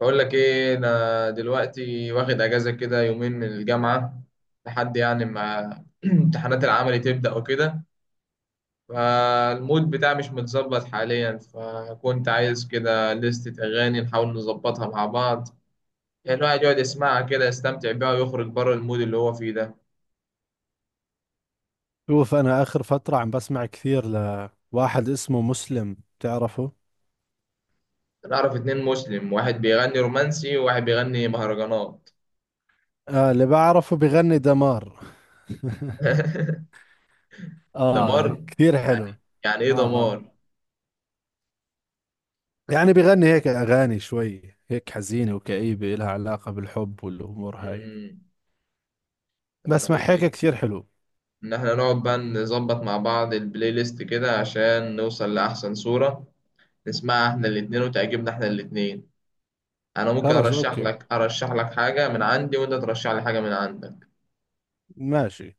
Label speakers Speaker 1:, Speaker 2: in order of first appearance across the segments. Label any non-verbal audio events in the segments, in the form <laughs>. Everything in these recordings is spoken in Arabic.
Speaker 1: بقول لك ايه، انا دلوقتي واخد اجازه كده يومين من الجامعه لحد يعني ما <clears throat> امتحانات العملي تبدا وكده. فالمود بتاعي مش متظبط حاليا، فكنت عايز كده لستة اغاني نحاول نظبطها مع بعض. يعني الواحد يقعد يسمعها كده، يستمتع بيها ويخرج بره المود اللي هو فيه ده.
Speaker 2: شوف انا اخر فترة عم بسمع كثير لواحد اسمه مسلم تعرفه.
Speaker 1: انا اعرف اتنين مسلم، واحد بيغني رومانسي وواحد بيغني مهرجانات.
Speaker 2: آه اللي بعرفه بغني دمار. <laughs>
Speaker 1: <laughs>
Speaker 2: اه
Speaker 1: دمار.
Speaker 2: كثير
Speaker 1: يعني،
Speaker 2: حلو.
Speaker 1: يعني ايه
Speaker 2: اه اه
Speaker 1: دمار؟
Speaker 2: يعني بغني هيك اغاني شوي هيك حزينة وكئيبة لها علاقة بالحب والامور هاي.
Speaker 1: مم. طب، ما
Speaker 2: بسمع
Speaker 1: تقول
Speaker 2: هيك
Speaker 1: لي
Speaker 2: كثير حلو.
Speaker 1: إن إحنا نقعد بقى نظبط مع بعض البلاي ليست كده عشان نوصل لأحسن صورة، نسمعها إحنا الاتنين وتعجبنا إحنا الاتنين. أنا ممكن
Speaker 2: خلص
Speaker 1: أرشح
Speaker 2: اوكي،
Speaker 1: لك أرشح لك حاجة من عندي وأنت ترشح لي حاجة من عندك.
Speaker 2: ماشي.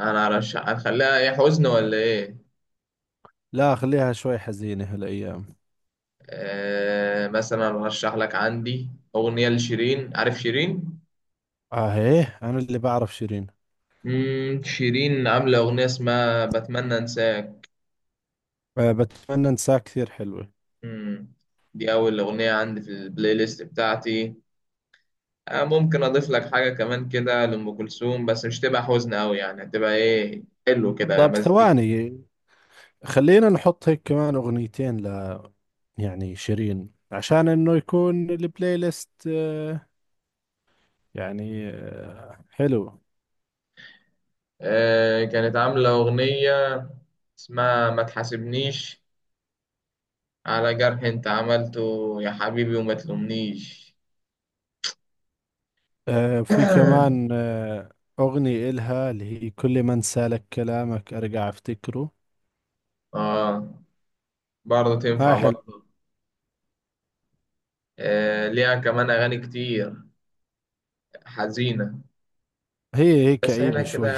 Speaker 1: أنا أرشح، هنخليها إيه، حزن ولا إيه؟
Speaker 2: لا خليها شوي حزينة هالايام.
Speaker 1: آه، مثلا أرشح لك عندي أغنية لشيرين. عارف شيرين؟
Speaker 2: اه هيه انا اللي بعرف شيرين.
Speaker 1: شيرين عاملة أغنية اسمها بتمنى أنساك.
Speaker 2: آه بتمنى انساك كثير حلوة.
Speaker 1: مم. دي أول أغنية عندي في البلاي ليست بتاعتي. ممكن اضيف لك حاجه كمان كده لام كلثوم، بس مش تبقى حزن قوي يعني، هتبقى ايه، حلو كده
Speaker 2: طب
Speaker 1: مزيكا.
Speaker 2: ثواني، خلينا نحط هيك كمان اغنيتين، يعني شيرين عشان انه يكون البلاي ليست يعني حلو.
Speaker 1: آه، كانت عامله اغنيه اسمها ما تحاسبنيش، على جرح انت عملته يا حبيبي وما تلومنيش.
Speaker 2: في كمان
Speaker 1: <clears throat>
Speaker 2: أغنية إلها اللي هي كل من سالك كلامك أرجع أفتكره.
Speaker 1: اه، برضه
Speaker 2: هاي
Speaker 1: تنفع
Speaker 2: حلو.
Speaker 1: برضه. آه، ليها كمان اغاني كتير حزينه.
Speaker 2: هي
Speaker 1: بس احنا
Speaker 2: كئيبة
Speaker 1: كده
Speaker 2: شوي.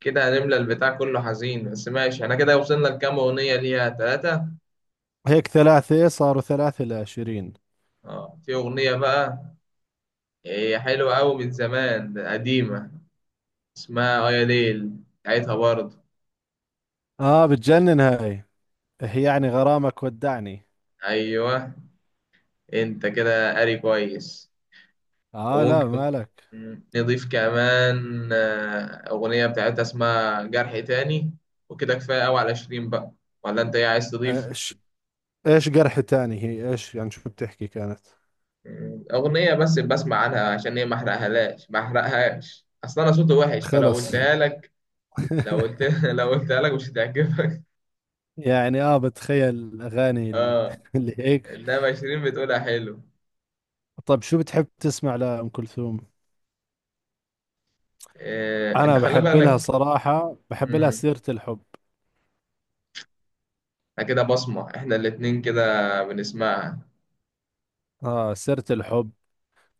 Speaker 1: كده هنملى البتاع كله حزين. بس ماشي، احنا كده وصلنا لكام اغنيه ليها، ثلاثه.
Speaker 2: <laughs> هيك ثلاثة صاروا ثلاثة لشيرين.
Speaker 1: اه، في اغنيه بقى، هي حلوة أوي من زمان، قديمة، اسمها آيا ليل بتاعتها برضه.
Speaker 2: آه بتجنن هاي، هي يعني غرامك ودعني.
Speaker 1: أيوه، أنت كده قاري كويس.
Speaker 2: آه لا
Speaker 1: وممكن
Speaker 2: مالك.
Speaker 1: نضيف كمان أغنية بتاعتها اسمها جرح تاني. وكده كفاية أوي على 20 بقى، ولا أنت إيه عايز تضيف؟
Speaker 2: إيش، إيش جرح تاني هي؟ إيش يعني شو بتحكي كانت؟
Speaker 1: أغنية بس بسمع عنها عشان هي محرقهاش. أصل أنا صوتي وحش فلو
Speaker 2: خلص.
Speaker 1: قلتها لك، لو
Speaker 2: <laughs>
Speaker 1: قلت <laughs> لو قلتها لك مش هتعجبك.
Speaker 2: يعني اه بتخيل الاغاني
Speaker 1: آه،
Speaker 2: <laughs> اللي هيك.
Speaker 1: إنما 20 بتقولها حلو.
Speaker 2: طيب شو بتحب تسمع لأم كلثوم؟
Speaker 1: آه، أنت
Speaker 2: انا
Speaker 1: خلي
Speaker 2: بحب لها
Speaker 1: بالك.
Speaker 2: صراحة، بحب لها
Speaker 1: امم
Speaker 2: سيرة الحب.
Speaker 1: احنا كده بصمة احنا الاتنين كده بنسمعها.
Speaker 2: اه سيرة الحب،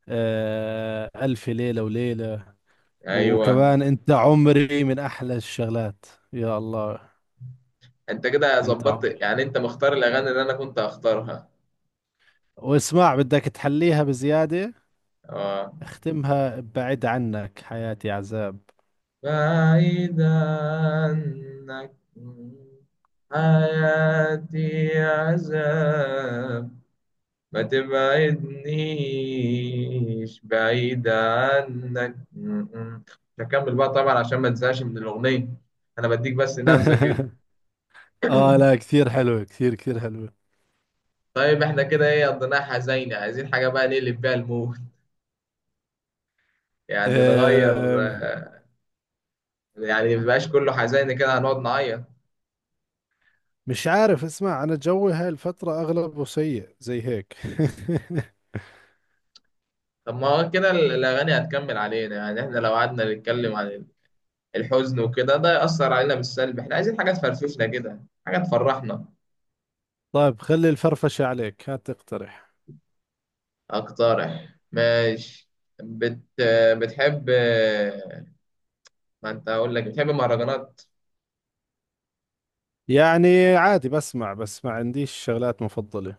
Speaker 2: آه الف ليلة وليلة،
Speaker 1: ايوه،
Speaker 2: وكمان انت عمري من احلى الشغلات. يا الله!
Speaker 1: انت كده
Speaker 2: انت عمري،
Speaker 1: ظبطت يعني، انت مختار الاغاني اللي انا كنت هختارها.
Speaker 2: واسمع بدك تحليها بزيادة،
Speaker 1: اه،
Speaker 2: اختمها بعد عنك حياتي عذاب.
Speaker 1: بعيد عنك، حياتي عذاب، ما تبعدنيش بعيد عنك. مش هكمل بقى طبعا عشان ما تنساش من الاغنية، انا بديك بس نبذة كده.
Speaker 2: <laughs> اه لا كثير حلوة، كثير كثير حلوة.
Speaker 1: طيب، احنا كده ايه قضيناها حزينة، عايزين حاجة بقى نقلب بيها المود، يعني نغير.
Speaker 2: آه
Speaker 1: يعني مبقاش كله حزين كده هنقعد نعيط.
Speaker 2: مش عارف، اسمع انا جوي هاي الفترة اغلبه سيء زي هيك. <laughs>
Speaker 1: طب، ما هو كده الأغاني هتكمل علينا. يعني احنا لو قعدنا نتكلم عن الحزن وكده ده يأثر علينا بالسلب. احنا عايزين حاجة تفرفشنا كده، حاجة تفرحنا.
Speaker 2: طيب خلي الفرفشة عليك، هات تقترح.
Speaker 1: أقترح، ماشي. بت... بتحب، ما انت هقول لك بتحب المهرجانات.
Speaker 2: يعني عادي بسمع بس ما عنديش شغلات مفضلة.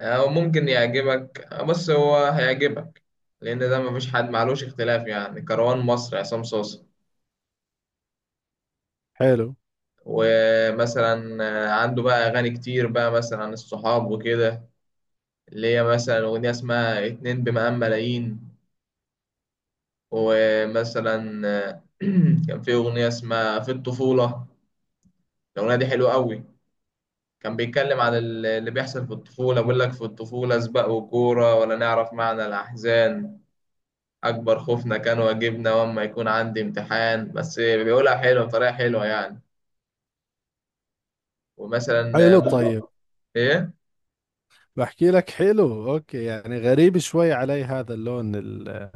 Speaker 1: أو ممكن يعجبك، بص هو هيعجبك. لأن ده مفيش حد معلوش اختلاف يعني، كروان مصر عصام صوصة.
Speaker 2: حلو.
Speaker 1: ومثلا عنده بقى أغاني كتير، بقى مثلا عن الصحاب وكده، اللي هي مثلا أغنية اسمها اتنين بمقام ملايين. ومثلا <clears throat> كان في أغنية اسمها في الطفولة. الأغنية دي حلوة قوي. كان بيتكلم عن اللي بيحصل في الطفولة، بيقول لك في الطفولة سباق وكورة ولا نعرف معنى الأحزان. أكبر خوفنا كان واجبنا وأما يكون عندي امتحان، بس بيقولها حلوة، بطريقة حلوة يعني. ومثلا
Speaker 2: حلو طيب.
Speaker 1: ممكن. إيه؟
Speaker 2: بحكي لك حلو اوكي، يعني غريب شوي علي هذا اللون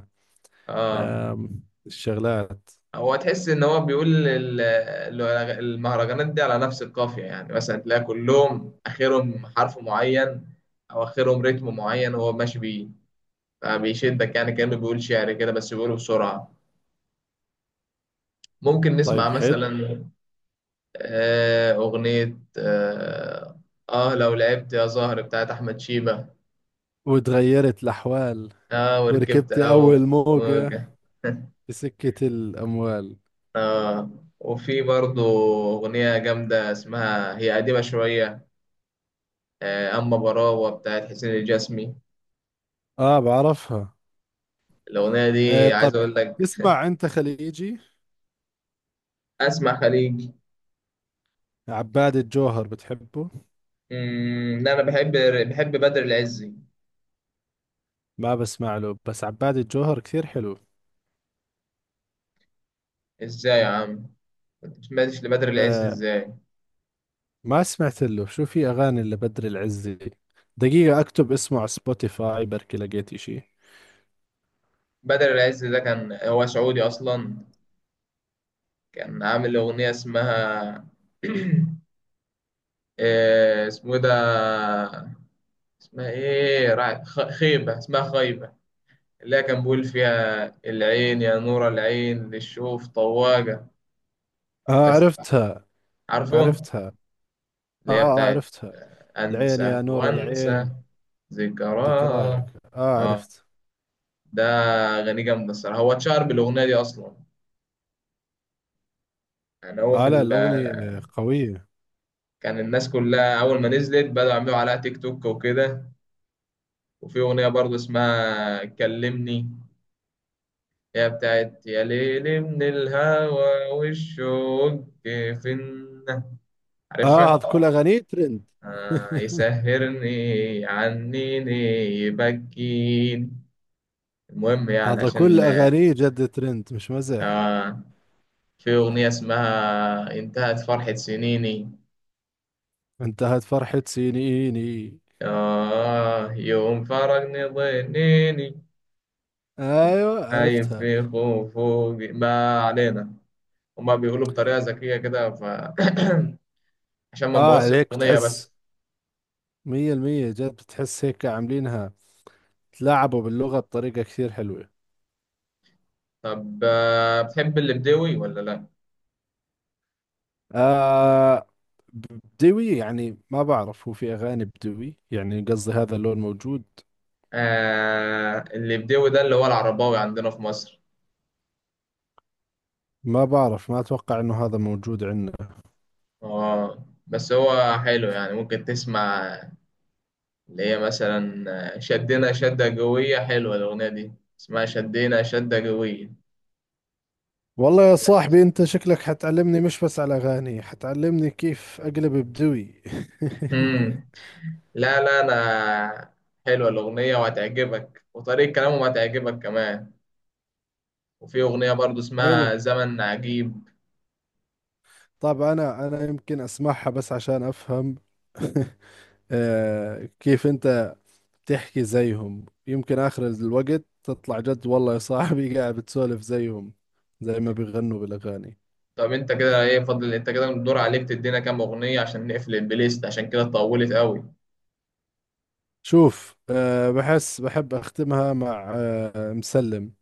Speaker 1: آه،
Speaker 2: الشغلات.
Speaker 1: هو تحس ان هو بيقول المهرجانات دي على نفس القافيه، يعني مثلا تلاقي كلهم اخرهم حرف معين، او اخرهم رتم معين هو ماشي بيه. فبيشدك يعني، كانه بيقول شعر كده بس بيقوله بسرعه. ممكن نسمع
Speaker 2: طيب حلو.
Speaker 1: مثلا اغنيه لو لعبت يا زهر بتاعت احمد شيبه.
Speaker 2: وتغيرت الاحوال.
Speaker 1: اه وركبت
Speaker 2: وركبت اول
Speaker 1: اول
Speaker 2: موجة.
Speaker 1: موجه. <laughs>
Speaker 2: بسكة الاموال.
Speaker 1: اه وفي برضه اغنيه جامده اسمها، هي قديمه شويه، أما براوة بتاعت حسين الجسمي.
Speaker 2: اه بعرفها.
Speaker 1: الأغنية
Speaker 2: آه
Speaker 1: دي عايز
Speaker 2: طب،
Speaker 1: أقول لك.
Speaker 2: تسمع انت خليجي؟
Speaker 1: أسمع خليجي.
Speaker 2: عباد الجوهر بتحبه؟
Speaker 1: لا، أنا بحب بدر العزي.
Speaker 2: ما بسمع له، بس عباد الجوهر كثير حلو.
Speaker 1: إزاي يا عم؟ أنت مسمعتش لبدر العزي
Speaker 2: آه
Speaker 1: إزاي؟
Speaker 2: ما سمعت له، شو في أغاني لبدر العزي؟ دقيقة أكتب اسمه على سبوتيفاي بركي لقيت إشي.
Speaker 1: بدر العزي ده كان هو سعودي أصلا. كان عامل أغنية اسمها <clears throat> اسمه إيه ده، اسمها إيه، خيبة، اسمها خيبة. اللي هي كان بيقول فيها العين يا نور العين للشوف طواجة.
Speaker 2: آه
Speaker 1: بس،
Speaker 2: عرفتها.
Speaker 1: عارفه.
Speaker 2: عرفتها. آه
Speaker 1: اللي هي
Speaker 2: آه،
Speaker 1: بتاعت
Speaker 2: عرفتها. العين
Speaker 1: أنسى
Speaker 2: يا نور
Speaker 1: وأنسى
Speaker 2: العين. ذكراك
Speaker 1: ذكراه.
Speaker 2: آه
Speaker 1: آه،
Speaker 2: عرفت.
Speaker 1: ده أغاني جامدة الصراحة، هو اتشهر بالأغنية دي أصلا. يعني هو في
Speaker 2: آه لا
Speaker 1: ال
Speaker 2: الأغنية قوية.
Speaker 1: كان الناس كلها أول ما نزلت بدأوا يعملوا عليها تيك توك وكده. وفي أغنية برضه اسمها كلمني، هي بتاعت يا ليل من الهوى والشوق في النا،
Speaker 2: آه هذا
Speaker 1: عارفها؟
Speaker 2: كل أغانيه ترند.
Speaker 1: آه،
Speaker 2: <laughs>
Speaker 1: يسهرني عنيني، يبكيني. المهم يعني،
Speaker 2: هذا كل
Speaker 1: عشان
Speaker 2: أغانيه جد ترند مش مزح.
Speaker 1: آه في أغنية اسمها انتهت فرحة سنيني،
Speaker 2: انتهت فرحة سنيني.
Speaker 1: آه، يوم فرقني ضنيني،
Speaker 2: ايوه
Speaker 1: نايم
Speaker 2: عرفتها.
Speaker 1: في خفوقي، ما علينا. هما بيقولوا بطريقة ذكية كده، <clears throat> عشان ما
Speaker 2: اه
Speaker 1: نبوظش
Speaker 2: عليك،
Speaker 1: الأغنية
Speaker 2: بتحس
Speaker 1: بس.
Speaker 2: مية المية، جد بتحس هيك عاملينها، تلاعبوا باللغة بطريقة كثير حلوة.
Speaker 1: طب، بتحب اللي بدوي ولا لأ؟
Speaker 2: آه بدوي يعني ما بعرف، هو في أغاني بدوي يعني؟ قصدي هذا اللون موجود؟
Speaker 1: آه، اللي بدوي ده اللي هو العرباوي عندنا في مصر.
Speaker 2: ما بعرف، ما أتوقع إنه هذا موجود عندنا.
Speaker 1: آه، بس هو حلو يعني، ممكن تسمع، اللي هي مثلا شدنا شدة قوية، حلوة الأغنية دي، اسمها شدينا شدة قوية.
Speaker 2: والله يا صاحبي أنت شكلك حتعلمني مش بس على أغاني، حتعلمني كيف أقلب بدوي.
Speaker 1: مم.
Speaker 2: <laughs>
Speaker 1: لا، لا، أنا حلوة الأغنية وهتعجبك وطريقة كلامهم هتعجبك كمان. وفي أغنية برضو
Speaker 2: حلو.
Speaker 1: اسمها زمن عجيب.
Speaker 2: طب أنا أنا يمكن أسمعها بس عشان أفهم. <laughs> آه كيف أنت تحكي زيهم، يمكن آخر الوقت تطلع جد والله يا صاحبي <laughs> قاعد بتسولف زيهم زي ما بيغنوا بالأغاني.
Speaker 1: طب، أنت كده إيه فضل، أنت كده الدور عليك تدينا كام أغنية عشان نقفل البلاي ليست، عشان كده طولت قوي.
Speaker 2: شوف أه بحس بحب أختمها مع أه مسلم.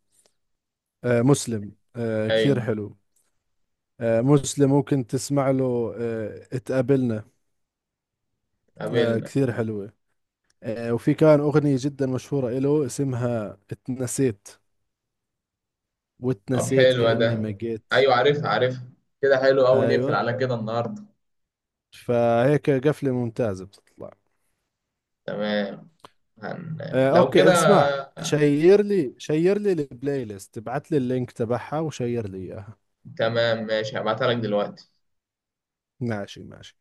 Speaker 2: أه مسلم أه كثير
Speaker 1: أيوة،
Speaker 2: حلو. أه مسلم ممكن تسمع له أه اتقابلنا. أه
Speaker 1: قابلنا.
Speaker 2: كثير حلوة. أه وفي كان أغنية جدا مشهورة إله اسمها اتنسيت،
Speaker 1: طب،
Speaker 2: واتنسيت
Speaker 1: حلوة
Speaker 2: كأني
Speaker 1: ده.
Speaker 2: ما جيت.
Speaker 1: أيوة، عارفها عارفها. كده حلو أوي نقفل
Speaker 2: أيوة.
Speaker 1: على كده النهاردة.
Speaker 2: فهيك قفلة ممتازة بتطلع.
Speaker 1: تمام. هن... لو
Speaker 2: اوكي
Speaker 1: كده
Speaker 2: اسمع، شير لي، شير لي البلاي ليست، ابعت لي اللينك تبعها وشير لي اياها.
Speaker 1: تمام. ماشي، هبعتها لك دلوقتي.
Speaker 2: ماشي ماشي.